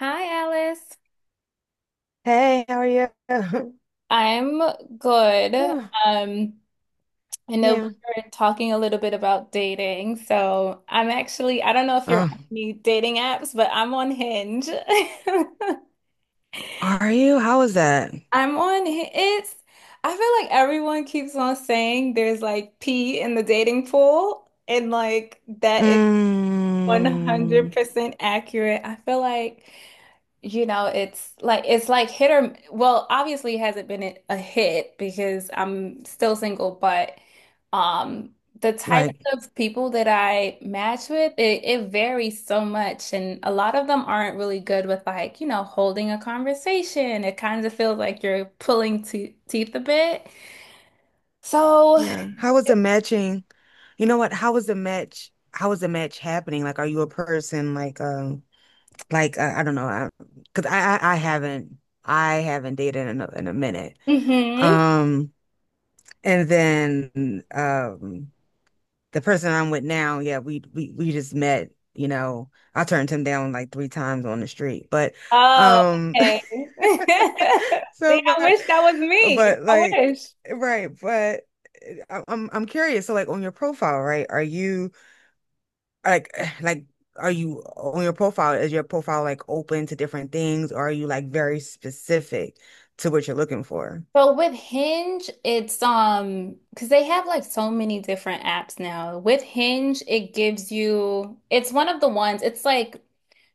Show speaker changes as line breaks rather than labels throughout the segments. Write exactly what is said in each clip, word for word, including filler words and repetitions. Hi, Alice.
Hey, how are you?
I'm good.
Oh,
Um, I know we
yeah.
were talking a little bit about dating, so I'm actually, I don't know if you're
Oh,
on any dating apps, but I'm on Hinge.
are you? How was that?
I'm on, Hi- it's, I feel like everyone keeps on saying there's like pee in the dating pool, and like that is Oh.
Mm,
one hundred percent accurate. I feel like You know, it's like it's like hit or well, obviously it hasn't been a hit because I'm still single, but um the type
right.
of people that I match with, it, it varies so much and a lot of them aren't really good with like, you know, holding a conversation. It kind of feels like you're pulling te teeth a bit. So,
Yeah. How was the matching? You know what? How was the match? How was the match happening? Like, are you a person like, um, like uh, I don't know, I, because I, I I haven't I haven't dated in a, in a minute.
hmm
Um, and then um, the person I'm with now, yeah, we we we just met, you know. I turned him down like three times on the street. But
Oh,
um
okay. See,
so
I
but
wish that was me.
but
I
like
wish.
right, but I- I'm I'm curious. So like on your profile, right? Are you like like are you on your profile, is your profile like open to different things or are you like very specific to what you're looking for?
Well, with Hinge, it's um because they have like so many different apps now. With Hinge, it gives you it's one of the ones, it's like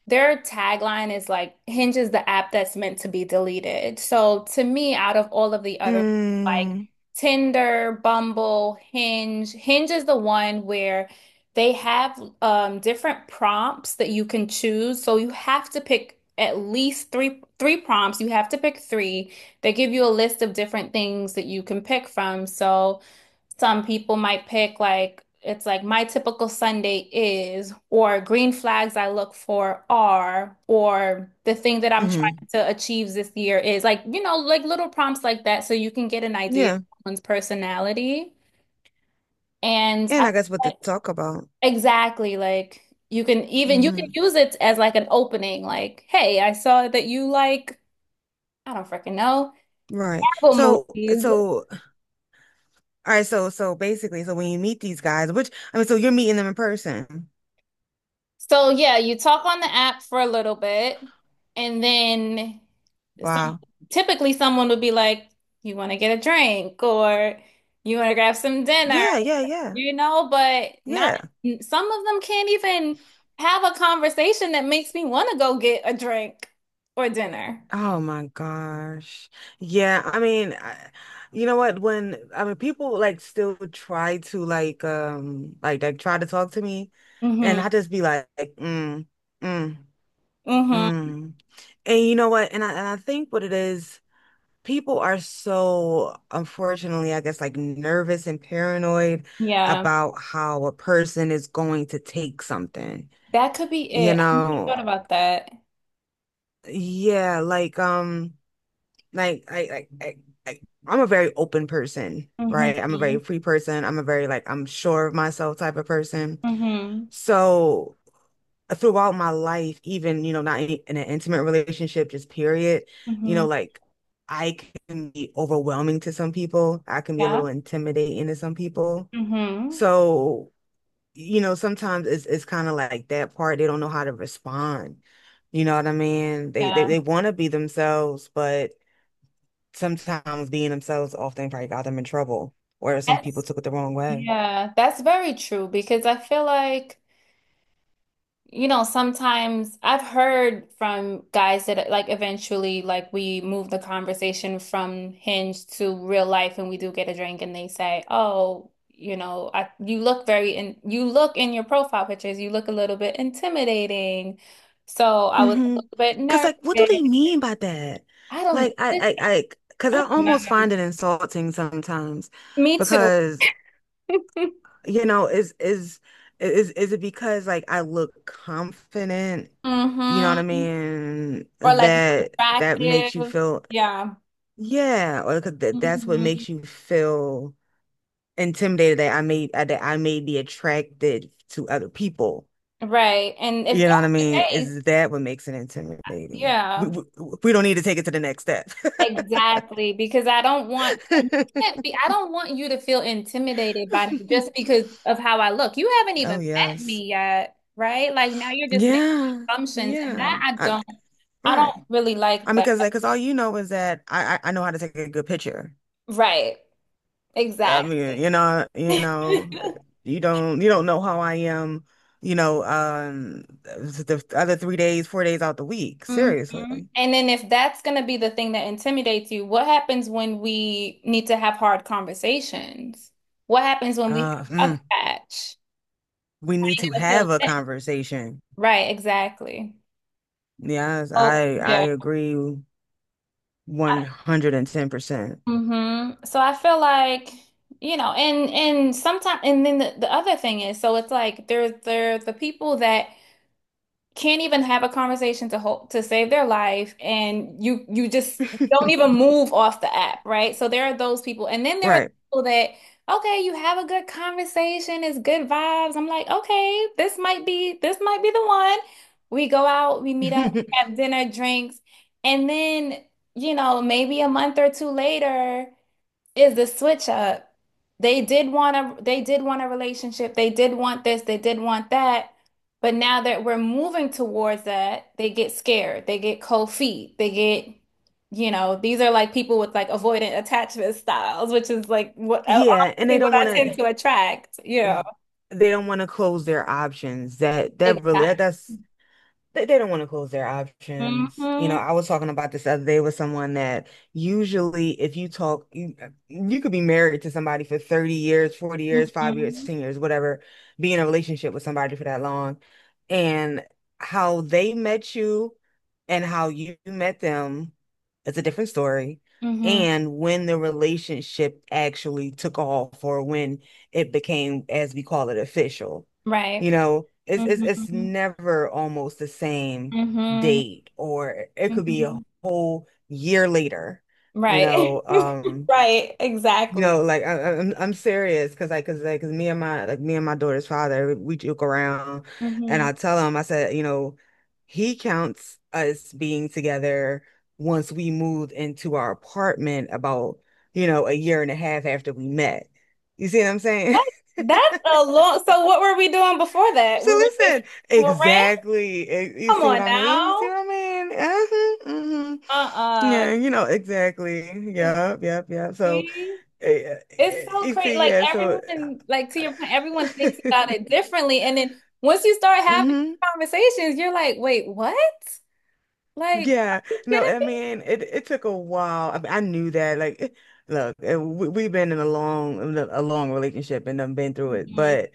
their tagline is like Hinge is the app that's meant to be deleted. So to me, out of all of the other ones, like
Mm,
Tinder, Bumble, Hinge, Hinge is the one where they have um different prompts that you can choose. So you have to pick at least three three prompts. You have to pick three They give you a list of different things that you can pick from. So some people might pick like it's like my typical Sunday is, or green flags I look for are, or the thing that I'm
hmm.
trying to achieve this year is like, you know, like little prompts like that so you can get an idea of
Yeah.
someone's personality. And
And
I,
I guess what to
like,
talk about.
exactly, like you can even you can
Hmm.
use it as like an opening, like, hey, I saw that you like, I don't freaking know,
Right.
Marvel
So,
movies.
so, all right. So, so basically, so when you meet these guys, which, I mean, so you're meeting them in person.
So yeah, you talk on the app for a little bit, and then some
Wow.
typically someone would be like, "You want to get a drink or you want to grab some dinner,"
Yeah. Yeah. Yeah.
you know, but not
Yeah.
some of them can't even have a conversation that makes me want to go get a drink or dinner.
Oh my gosh. Yeah. I mean, I, you know what? When, I mean, people like still try to like, um, like, like try to talk to me and
hmm
I just be like, like, mm, mm,
hmm
mm. And you know what? And I, and I think what it is. People are so, unfortunately, I guess, like nervous and paranoid
Yeah.
about how a person is going to take something.
That could be
You
it. I never
know,
thought about that.
yeah, like um like I I, I I I'm a very open person,
hmm
right? I'm a very free person. I'm a very like I'm sure of myself type of person.
hmm
So throughout my life, even, you know, not in, in an intimate relationship, just period, you
hmm
know, like I can be overwhelming to some people. I can be a
Yeah.
little intimidating to some people.
hmm
So, you know, sometimes it's it's kind of like that part. They don't know how to respond. You know what I mean? They they,
Yeah.
they want to be themselves, but sometimes being themselves often probably got them in trouble, or some people
That's
took it the wrong way.
Yeah, that's very true because I feel like, you know, sometimes I've heard from guys that like eventually like we move the conversation from Hinge to real life and we do get a drink and they say, "Oh, you know, I you look very in you look in your profile pictures, you look a little bit intimidating." So I was a
Mm-hmm.
little bit
'Cause like, what do they
nervous.
mean by that?
I don't,
Like, I, I, I, 'cause
I
I
don't
almost
know.
find it insulting sometimes
Me too.
because, you know, is is is is it because like I look confident, you know what I
Mm-hmm.
mean?
Or like you're
That that makes you
attractive.
feel
Yeah.
yeah, or 'cause that that's what
Mm-hmm.
makes you feel intimidated that I may uh, that I may be attracted to other people.
Right. And if
You know what I
that's the
mean?
case,
Is that what makes it intimidating? We,
yeah,
we, we don't need to take it to the next step.
exactly. Because I don't want you can't be I don't want you to feel intimidated by me just because of how I look. You haven't
Oh
even met
yes.
me yet, right? Like now you're just making
Yeah.
assumptions and
Yeah.
that I
I mean,
don't I
right.
don't really like
I mean,
that.
because like, because all you know is that I, I I know how to take a good picture.
Right.
I
Exactly.
mean, you know, you know, you don't you don't know how I am, you know, um, the the other three days, four days out the week.
Mhm.
Seriously,
And then if that's going to be the thing that intimidates you, what happens when we need to have hard conversations? What happens when we
uh,
have a rough
mm,
patch?
we need to have a conversation.
Right, exactly.
Yes,
Oh,
I I
yeah.
agree one hundred ten percent.
hmm So I feel like, you know, and and sometimes and then the, the other thing is, so it's like there's there are the people that can't even have a conversation to hold to save their life and you you just don't even move off the app, right? So there are those people. And then there are
Right.
people that okay, you have a good conversation, it's good vibes. I'm like, okay, this might be this might be the one. We go out, we meet up, have dinner, drinks, and then, you know, maybe a month or two later is the switch up. They did want a they did want a relationship. They did want this, they did want that. But now that we're moving towards that, they get scared. They get cold feet. They get, you know, these are like people with like avoidant attachment styles, which is like what
Yeah, and they
honestly what
don't
I
want
tend
to
to attract. You know,
they don't want to close their options. That that really that,
exactly.
that's they, they don't want to close their options. You know,
hmm
I was talking about this the other day with someone that usually if you talk, you, you could be married to somebody for thirty years, forty years, five years,
hmm
ten years, whatever, be in a relationship with somebody for that long. And how they met you and how you met them is a different story.
hmm
And when the relationship actually took off, or when it became, as we call it, official.
Right.
You know, it's it's it's
hmm
never almost the same
hmm
date, or it could be a
hmm
whole year later. You
Right.
know, um,
Right.
you
Exactly.
know, like I, I- I'm I'm serious because like because like 'cause me and my like me and my daughter's father, we joke around, and
hmm
I tell him I said, you know, he counts us being together once we moved into our apartment about, you know, a year and a half after we met. You see what I'm saying?
That- That's a long. So what were we doing before that?
So
We were just
listen,
well,
exactly. Eh, you
come
see what
on
I mean? You see
now.
what I mean? Uh-huh, mhm.
Uh-uh.
Yeah, you know, exactly. Yep, yep, yep. So,
See,
eh,
it's
eh,
so
you
crazy.
see,
Like
yeah, so.
everyone, like to your point, everyone thinks about it differently. And then once you start having
Hmm.
conversations, you're like, wait, what? Like, are
Yeah,
you
no,
kidding
I mean, it, it took a while. I mean, I knew that. Like, eh, look, eh, we, we've been in a long, in a a long relationship and I've been through it,
me?
but,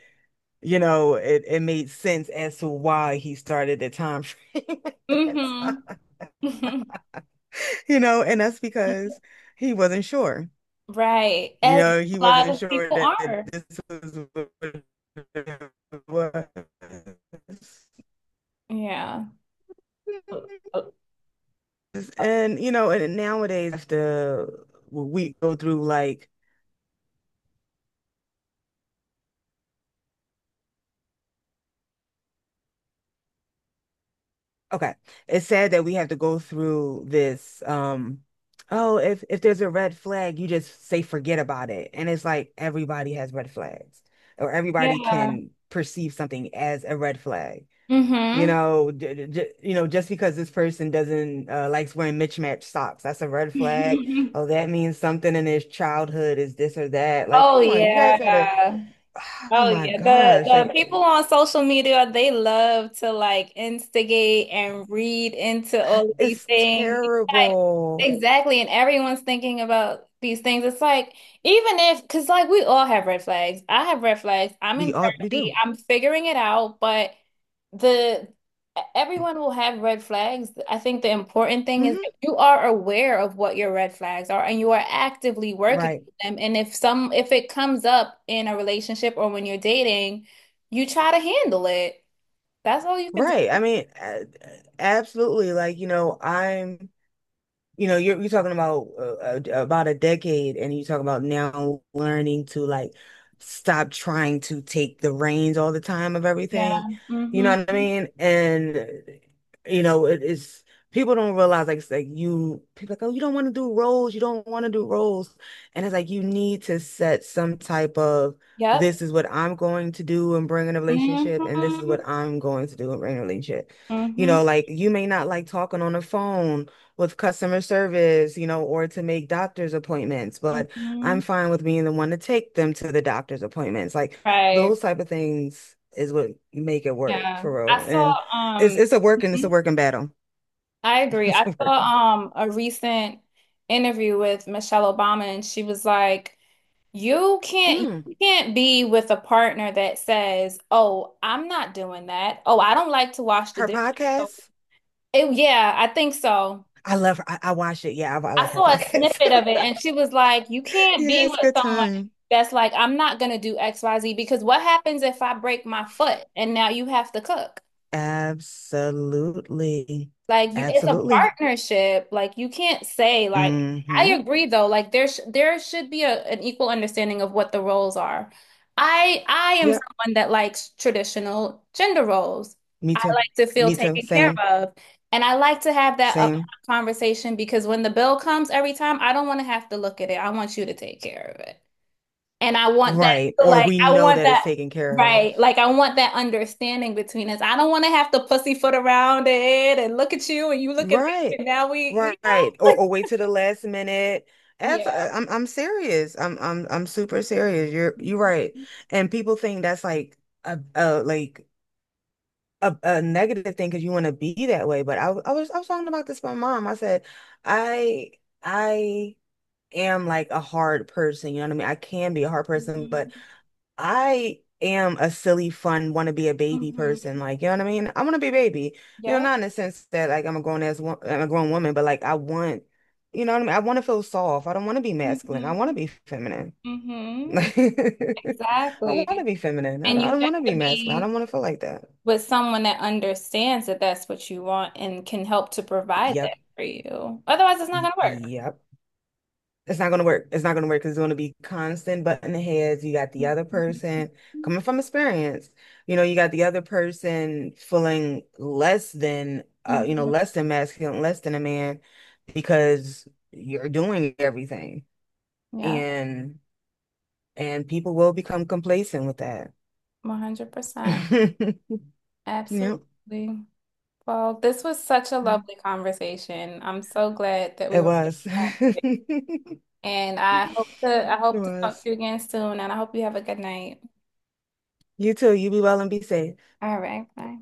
you know, it, it made sense as to why he started the time frame at that
hmm
time.
hmm
You know, and that's because he wasn't sure.
Right.
You
As
know, he
a lot
wasn't
of
sure
people
that
are.
this was what it was.
Yeah.
And you know, and nowadays after we go through like, okay, it's sad that we have to go through this, um, oh, if if there's a red flag, you just say forget about it. And it's like everybody has red flags, or everybody
Yeah.
can perceive something as a red flag. You
mm
know, j j you know, just because this person doesn't uh, likes wearing mismatched socks, that's a red flag.
hmm
Oh, that means something in his childhood is this or that. Like,
Oh
come on, you guys gotta.
yeah.
Oh
Oh
my
yeah,
gosh,
the the
like
people on social media, they love to like instigate and read into all of these
it's
things. It's like,
terrible.
exactly, and everyone's thinking about these things. It's like even if, because like we all have red flags. I have red flags. I'm
We
in
all we
therapy.
do.
I'm figuring it out, but the e, everyone will have red flags. I think the important thing is
Hmm.
that you are aware of what your red flags are and you are actively working
Right,
with them. And if some if it comes up in a relationship or when you're dating, you try to handle it. That's all you can
right.
do.
I mean, a- absolutely. Like, you know, I'm you know, you're you're talking about uh, uh, about a decade, and you talk about now learning to like stop trying to take the reins all the time of
Yeah.
everything. You
hmm
know what I mean? And you know, it is people don't realize like it's like you people like, oh, you don't want to do roles, you don't want to do roles, and it's like you need to set some type of
Yep.
this is what I'm going to do and bring in a relationship, and this is
hmm
what I'm going to do and bring in a relationship. You
hmm
know, like you may not like talking on the phone with customer service, you know, or to make doctor's appointments, but
hmm
I'm fine with being the one to take them to the doctor's appointments. Like
Right.
those type of things is what make it work
Yeah.
for real.
I saw
And it's
um
it's a working, it's a
Mhm.
working battle.
I agree.
It's
I
a
saw
working.
um a recent interview with Michelle Obama and she was like, "You can't
Mm.
you can't be with a partner that says, 'Oh, I'm not doing that. Oh, I don't like to wash the
Her
dishes.'" So,
podcast,
it, yeah, I think so.
I love her. I, I watch it. Yeah, I, I
I
like her
saw a
podcast.
snippet of it and she was like, "You can't be
Yeah, it's a
with
good
someone
time.
that's like, I'm not gonna do X Y Z because what happens if I break my foot and now you have to cook?"
Absolutely.
Like you, it's a
Absolutely.
partnership. Like you can't say like I
Mm-hmm.
agree though. Like there sh there should be a, an equal understanding of what the roles are. I I am
Yeah,
someone that likes traditional gender roles.
me
I
too.
like to feel
Me too.
taken care
Same.
of, and I like to have that upfront
Same.
conversation because when the bill comes every time, I don't want to have to look at it. I want you to take care of it. And I want
Right.
that
Or
like
we
I
know
want
that it's
that
taken care of.
right. Like I want that understanding between us. I don't want to have to pussyfoot around it and look at you and you look at me
Right.
and now we, you
Right. Or or wait to the last minute.
know?
Abs-
Yeah.
I'm I'm serious. I'm I'm I'm super serious. You're you're right. And people think that's like a, a like a, a negative thing because you want to be that way. But I w- I was I was talking about this with my mom. I said, I I am like a hard person, you know what I mean? I can be a hard person,
Mhm.
but I am a silly, fun, want to be a baby person.
Mhm.
Like, you know what I mean? I want to be a baby. You know,
Yep.
not in the sense that like I'm a grown ass, wo- I'm a grown woman, but like I want, you know what I mean? I want to feel soft. I don't want to be masculine. I want to
Mhm.
be feminine.
Mhm.
Like, I want to
Exactly.
be feminine. I
And
don't, I
you
don't
have
want to be
to
masculine. I
be
don't want to feel like that.
with someone that understands that that's what you want and can help to provide
Yep.
that for you. Otherwise, it's not going to work.
Yep. It's not gonna work. It's not gonna work because it's gonna be constant butting heads. You got the other
Mhm.
person coming from experience. You know, you got the other person feeling less than, uh, you know,
Mhm.
less than masculine, less than a man, because you're doing everything,
Yeah,
and and people will become complacent with that.
one hundred percent.
Yep,
Absolutely. Well, this was such a lovely conversation. I'm so glad that we
it
were able
was.
to have it. And I
It
hope to I hope to talk
was.
to you again soon, and I hope you have a good night.
You too. You be well and be safe.
All right, bye.